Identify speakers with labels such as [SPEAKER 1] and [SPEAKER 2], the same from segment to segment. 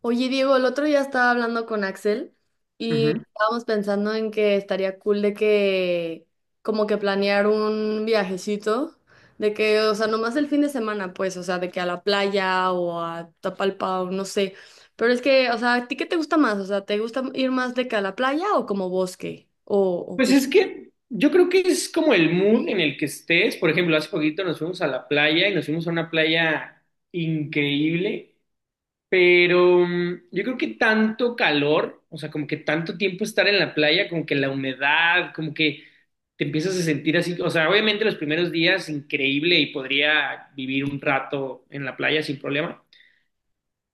[SPEAKER 1] Oye, Diego, el otro día estaba hablando con Axel y
[SPEAKER 2] Ujú.
[SPEAKER 1] estábamos pensando en que estaría cool de que como que planear un viajecito, de que, o sea, nomás el fin de semana, pues, o sea, de que a la playa o a Tapalpa o no sé. Pero es que, o sea, ¿a ti qué te gusta más? O sea, ¿te gusta ir más de que a la playa o como bosque? O
[SPEAKER 2] Pues
[SPEAKER 1] que.
[SPEAKER 2] es que yo creo que es como el mood en el que estés. Por ejemplo, hace poquito nos fuimos a la playa y nos fuimos a una playa increíble, pero yo creo que tanto calor, o sea, como que tanto tiempo estar en la playa, como que la humedad, como que te empiezas a sentir así. O sea, obviamente los primeros días increíble y podría vivir un rato en la playa sin problema.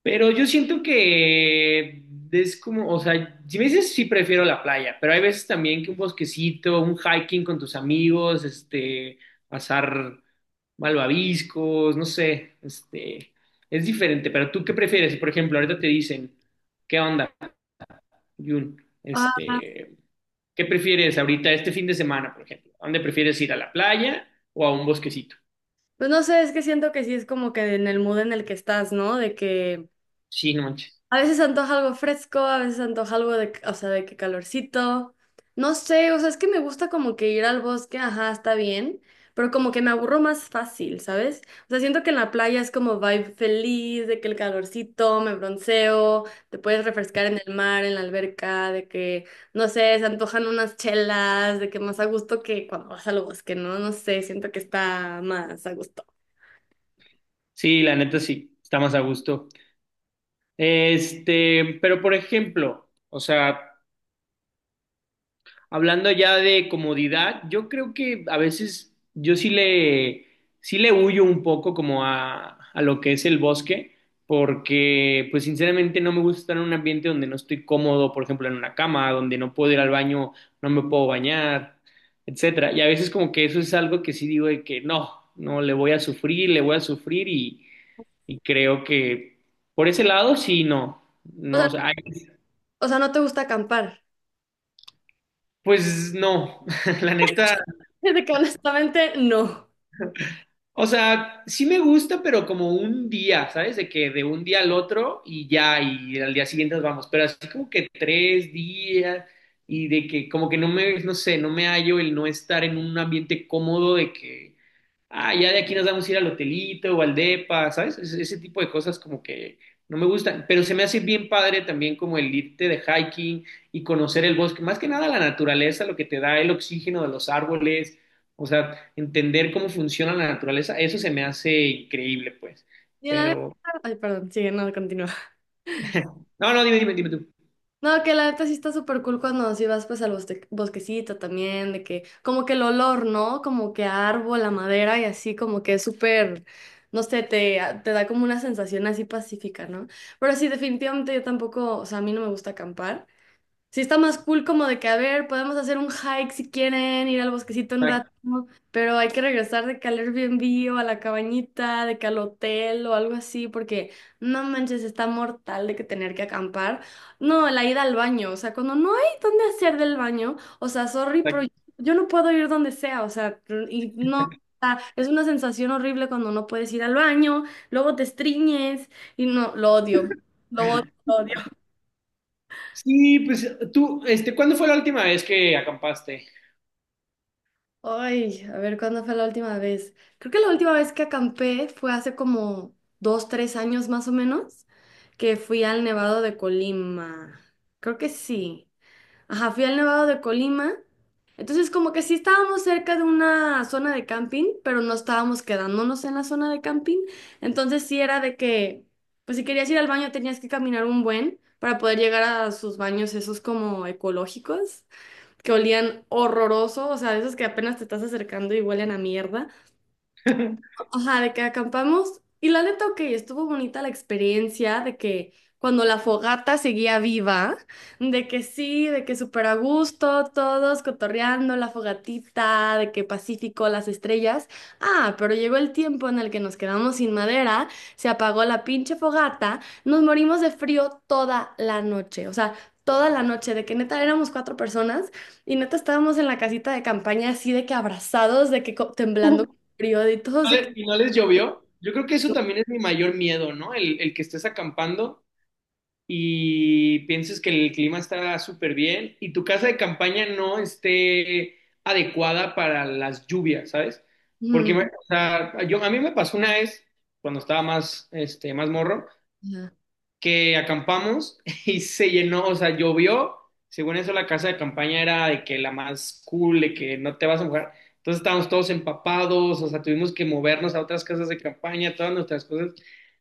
[SPEAKER 2] Pero yo siento que es como, o sea, si me dices sí prefiero la playa, pero hay veces también que un bosquecito, un hiking con tus amigos, pasar malvaviscos, no sé, es diferente. ¿Pero tú qué prefieres? Si, por ejemplo, ahorita te dicen, ¿qué onda, Jun?
[SPEAKER 1] Ah,
[SPEAKER 2] ¿Qué prefieres ahorita este fin de semana, por ejemplo? ¿A dónde prefieres ir, a la playa o a un bosquecito?
[SPEAKER 1] pues no sé, es que siento que sí es como que en el mood en el que estás, ¿no? De que
[SPEAKER 2] Sí, no manches.
[SPEAKER 1] a veces antoja algo fresco, a veces antoja algo de, o sea, de que calorcito. No sé, o sea, es que me gusta como que ir al bosque, ajá, está bien, pero como que me aburro más fácil, ¿sabes? O sea, siento que en la playa es como vibe feliz, de que el calorcito, me bronceo, te puedes refrescar en el mar, en la alberca, de que, no sé, se antojan unas chelas, de que más a gusto que cuando vas al bosque, ¿no? No sé, siento que está más a gusto.
[SPEAKER 2] Sí, la neta sí, está más a gusto. Pero por ejemplo, o sea, hablando ya de comodidad, yo creo que a veces sí le huyo un poco como a lo que es el bosque, porque pues sinceramente no me gusta estar en un ambiente donde no estoy cómodo, por ejemplo, en una cama, donde no puedo ir al baño, no me puedo bañar, etcétera. Y a veces como que eso es algo que sí digo de que no, no, le voy a sufrir, y creo que por ese lado sí, no.
[SPEAKER 1] O
[SPEAKER 2] No, o
[SPEAKER 1] sea,
[SPEAKER 2] sea,
[SPEAKER 1] o sea, ¿no te gusta acampar?
[SPEAKER 2] pues no, la neta.
[SPEAKER 1] De que honestamente, no.
[SPEAKER 2] O sea, sí me gusta, pero como un día, ¿sabes? De que de un día al otro y ya, y al día siguiente nos vamos. Pero así como que tres días y de que como que no sé, no me hallo el no estar en un ambiente cómodo de que ah, ya de aquí nos vamos a ir al hotelito o al depa, ¿sabes? Ese tipo de cosas como que no me gustan, pero se me hace bien padre también como el irte de hiking y conocer el bosque, más que nada la naturaleza, lo que te da el oxígeno de los árboles, o sea, entender cómo funciona la naturaleza, eso se me hace increíble, pues.
[SPEAKER 1] Y la neta,
[SPEAKER 2] Pero,
[SPEAKER 1] ay, perdón, sigue, no, continúa.
[SPEAKER 2] no, no, dime tú.
[SPEAKER 1] No, que la neta sí está súper cool cuando sí vas pues al bosquecito también, de que como que el olor, ¿no? Como que a árbol, a madera y así como que es súper, no sé, te da como una sensación así pacífica, ¿no? Pero sí, definitivamente yo tampoco, o sea, a mí no me gusta acampar. Sí, está más cool como de que, a ver, podemos hacer un hike si quieren, ir al bosquecito un rato,
[SPEAKER 2] Exacto,
[SPEAKER 1] pero hay que regresar de que al Airbnb o a la cabañita, de que al hotel o algo así, porque no manches, está mortal de que tener que acampar. No, la ida al baño, o sea, cuando no hay dónde hacer del baño, o sea, sorry, pero
[SPEAKER 2] exacto.
[SPEAKER 1] yo no puedo ir donde sea, o sea, y no, o sea, es una sensación horrible cuando no puedes ir al baño, luego te estriñes y no, lo odio, lo odio.
[SPEAKER 2] Sí, pues tú, ¿cuándo fue la última vez que acampaste?
[SPEAKER 1] Ay, a ver, ¿cuándo fue la última vez? Creo que la última vez que acampé fue hace como 2, 3 años más o menos, que fui al Nevado de Colima. Creo que sí. Ajá, fui al Nevado de Colima. Entonces, como que sí estábamos cerca de una zona de camping, pero no estábamos quedándonos en la zona de camping. Entonces, sí era de que, pues si querías ir al baño tenías que caminar un buen para poder llegar a sus baños esos como ecológicos que olían horroroso, o sea, de esos que apenas te estás acercando y huelen a mierda. Ajá, de que acampamos. Y la neta, ok, estuvo bonita la experiencia de que cuando la fogata seguía viva, de que sí, de que súper a gusto, todos cotorreando la fogatita, de que Pacífico, las estrellas. Ah, pero llegó el tiempo en el que nos quedamos sin madera, se apagó la pinche fogata, nos morimos de frío toda la noche. O sea, toda la noche, de que neta éramos cuatro personas y neta estábamos en la casita de campaña así de que abrazados, de que temblando frío, de todos de.
[SPEAKER 2] Y no les llovió. Yo creo que eso también es mi mayor miedo, ¿no? El que estés acampando y pienses que el clima está súper bien y tu casa de campaña no esté adecuada para las lluvias, ¿sabes?
[SPEAKER 1] Ujú,
[SPEAKER 2] O sea, yo, a mí me pasó una vez cuando estaba más, más morro
[SPEAKER 1] ajá,
[SPEAKER 2] que acampamos y se llenó, o sea, llovió. Según eso, la casa de campaña era de que la más cool, de que no te vas a mojar. Entonces estábamos todos empapados, o sea, tuvimos que movernos a otras casas de campaña, todas nuestras cosas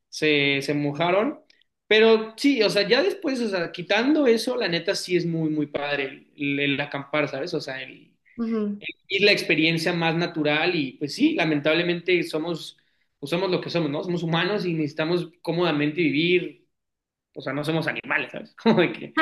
[SPEAKER 2] se mojaron. Pero sí, o sea, ya después, o sea, quitando eso, la neta sí es muy, muy padre el acampar, ¿sabes? O sea, el,
[SPEAKER 1] ujú.
[SPEAKER 2] y la experiencia más natural y pues sí, lamentablemente somos, pues somos lo que somos, ¿no? Somos humanos y necesitamos cómodamente vivir, o sea, no somos animales, ¿sabes? Como de que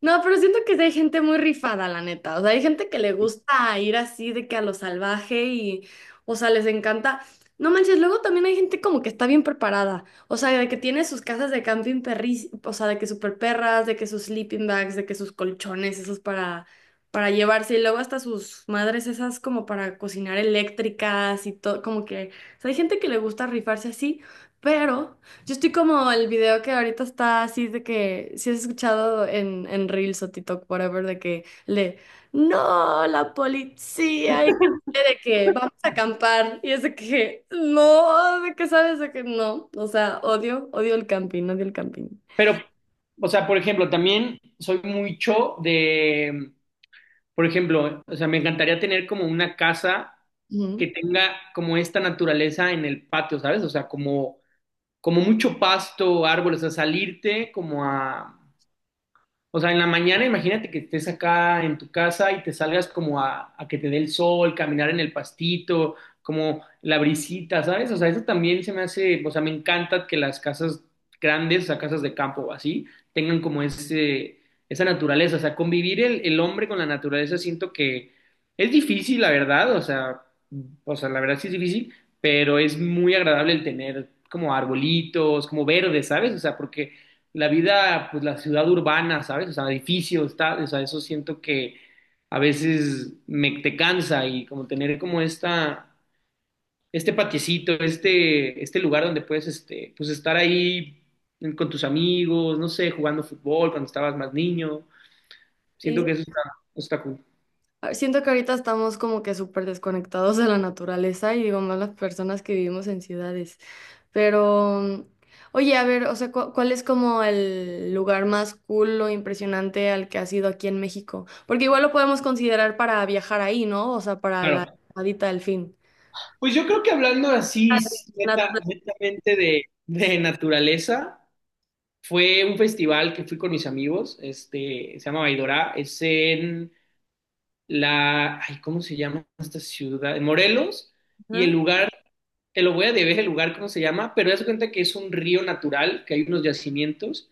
[SPEAKER 1] No, pero siento que sí hay gente muy rifada, la neta. O sea, hay gente que le gusta ir así de que a lo salvaje y, o sea, les encanta. No manches, luego también hay gente como que está bien preparada. O sea, de que tiene sus casas de camping perris, o sea, de que super perras, de que sus sleeping bags, de que sus colchones, esos para, llevarse. Y luego hasta sus madres esas como para cocinar eléctricas y todo, como que. O sea, hay gente que le gusta rifarse así, pero. Yo estoy como el video que ahorita está así de que si has escuchado en Reels o TikTok, whatever, de que le, no, la policía, y que, de que vamos a acampar, y es de que no, de que sabes de que no, o sea, odio, odio el camping, odio el camping.
[SPEAKER 2] pero, o sea, por ejemplo, también soy mucho de, por ejemplo, o sea, me encantaría tener como una casa que
[SPEAKER 1] Ujú.
[SPEAKER 2] tenga como esta naturaleza en el patio, ¿sabes? O sea, como, como mucho pasto, árboles, o sea, salirte como a o sea, en la mañana imagínate que estés acá en tu casa y te salgas como a que te dé el sol, caminar en el pastito, como la brisita, ¿sabes? O sea, eso también se me hace, o sea, me encanta que las casas grandes, o sea, casas de campo o así, tengan como ese, esa naturaleza. O sea, convivir el hombre con la naturaleza siento que es difícil, la verdad. O sea, la verdad sí es difícil, pero es muy agradable el tener como arbolitos, como verde, ¿sabes? O sea, porque la vida, pues la ciudad urbana, ¿sabes? O sea, edificios, tal, o sea, eso siento que a veces me te cansa y como tener como esta, este lugar donde puedes, pues estar ahí con tus amigos, no sé, jugando fútbol cuando estabas más niño, siento
[SPEAKER 1] Sí,
[SPEAKER 2] que eso está, está cool.
[SPEAKER 1] ah, siento que ahorita estamos como que súper desconectados de la naturaleza y digo más las personas que vivimos en ciudades. Pero, oye, a ver, o sea, ¿cuál es como el lugar más cool o impresionante al que has ido aquí en México? Porque igual lo podemos considerar para viajar ahí, ¿no? O sea, para la
[SPEAKER 2] Claro.
[SPEAKER 1] llamadita del fin.
[SPEAKER 2] Pues yo creo que hablando así,
[SPEAKER 1] Ah, natural.
[SPEAKER 2] netamente de naturaleza, fue un festival que fui con mis amigos, se llama Baidora, es en la, ay, ¿cómo se llama esta ciudad? Morelos, y el
[SPEAKER 1] Ajá.
[SPEAKER 2] lugar, te lo voy a deber, el lugar, ¿cómo se llama? Pero das cuenta que es un río natural, que hay unos yacimientos,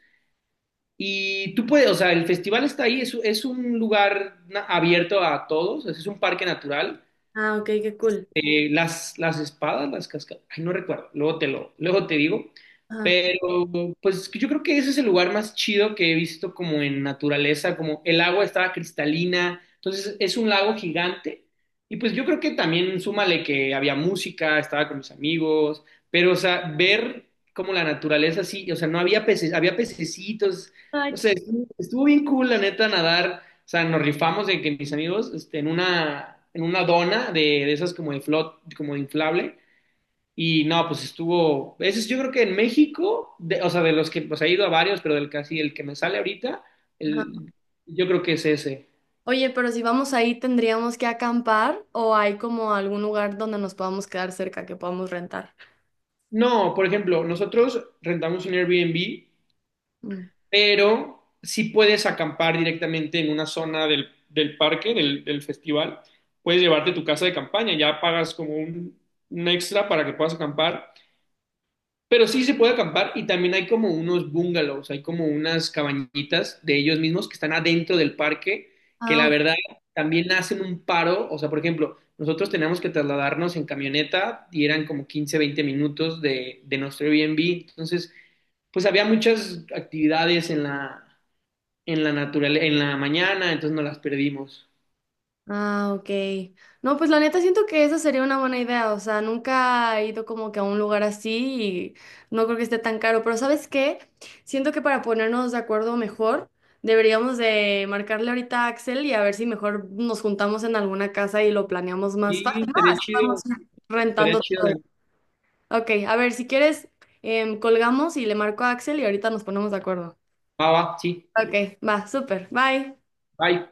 [SPEAKER 2] y tú puedes, o sea, el festival está ahí, es un lugar abierto a todos, es un parque natural,
[SPEAKER 1] Ah, ok, qué cool.
[SPEAKER 2] las espadas, las cascadas, ay, no recuerdo, luego te lo, luego te digo,
[SPEAKER 1] Ajá.
[SPEAKER 2] pero pues yo creo que ese es el lugar más chido que he visto como en naturaleza, como el agua estaba cristalina, entonces es un lago gigante y pues yo creo que también súmale que había música, estaba con mis amigos, pero o sea, ver como la naturaleza así, o sea, no había peces, había pececitos,
[SPEAKER 1] Ay,
[SPEAKER 2] no
[SPEAKER 1] qué.
[SPEAKER 2] sé, estuvo, estuvo bien cool la neta nadar, o sea, nos rifamos de que mis amigos, en una dona de esas como de flot, como de inflable. Y no, pues estuvo, ese es, yo creo que en México, o sea, de los que, pues he ido a varios, pero del que así, el que me sale ahorita,
[SPEAKER 1] Ajá.
[SPEAKER 2] el, yo creo que es ese.
[SPEAKER 1] Oye, pero si vamos ahí, ¿tendríamos que acampar o hay como algún lugar donde nos podamos quedar cerca que podamos rentar?
[SPEAKER 2] No, por ejemplo, nosotros rentamos un Airbnb,
[SPEAKER 1] Mm.
[SPEAKER 2] pero sí puedes acampar directamente en una zona del, del parque, del, del festival. Puedes llevarte tu casa de campaña, ya pagas como un extra para que puedas acampar. Pero sí se puede acampar y también hay como unos bungalows, hay como unas cabañitas de ellos mismos que están adentro del parque, que la
[SPEAKER 1] Ah,
[SPEAKER 2] verdad también hacen un paro. O sea, por ejemplo, nosotros teníamos que trasladarnos en camioneta y eran como 15, 20 minutos de nuestro Airbnb. Entonces, pues había muchas actividades en la naturaleza, en la mañana, entonces no las perdimos.
[SPEAKER 1] ah, ok. No, pues la neta siento que esa sería una buena idea. O sea, nunca he ido como que a un lugar así y no creo que esté tan caro. Pero ¿sabes qué? Siento que para ponernos de acuerdo mejor, deberíamos de marcarle ahorita a Axel y a ver si mejor nos juntamos en alguna casa y lo planeamos más
[SPEAKER 2] Y
[SPEAKER 1] fácil.
[SPEAKER 2] estaría
[SPEAKER 1] Vamos
[SPEAKER 2] chido, estaría
[SPEAKER 1] rentando
[SPEAKER 2] chido.
[SPEAKER 1] todo.
[SPEAKER 2] La-
[SPEAKER 1] Ok, a ver, si quieres, colgamos y le marco a Axel y ahorita nos ponemos de acuerdo.
[SPEAKER 2] Va, va, sí.
[SPEAKER 1] Ok, va, súper. Bye.
[SPEAKER 2] Bye.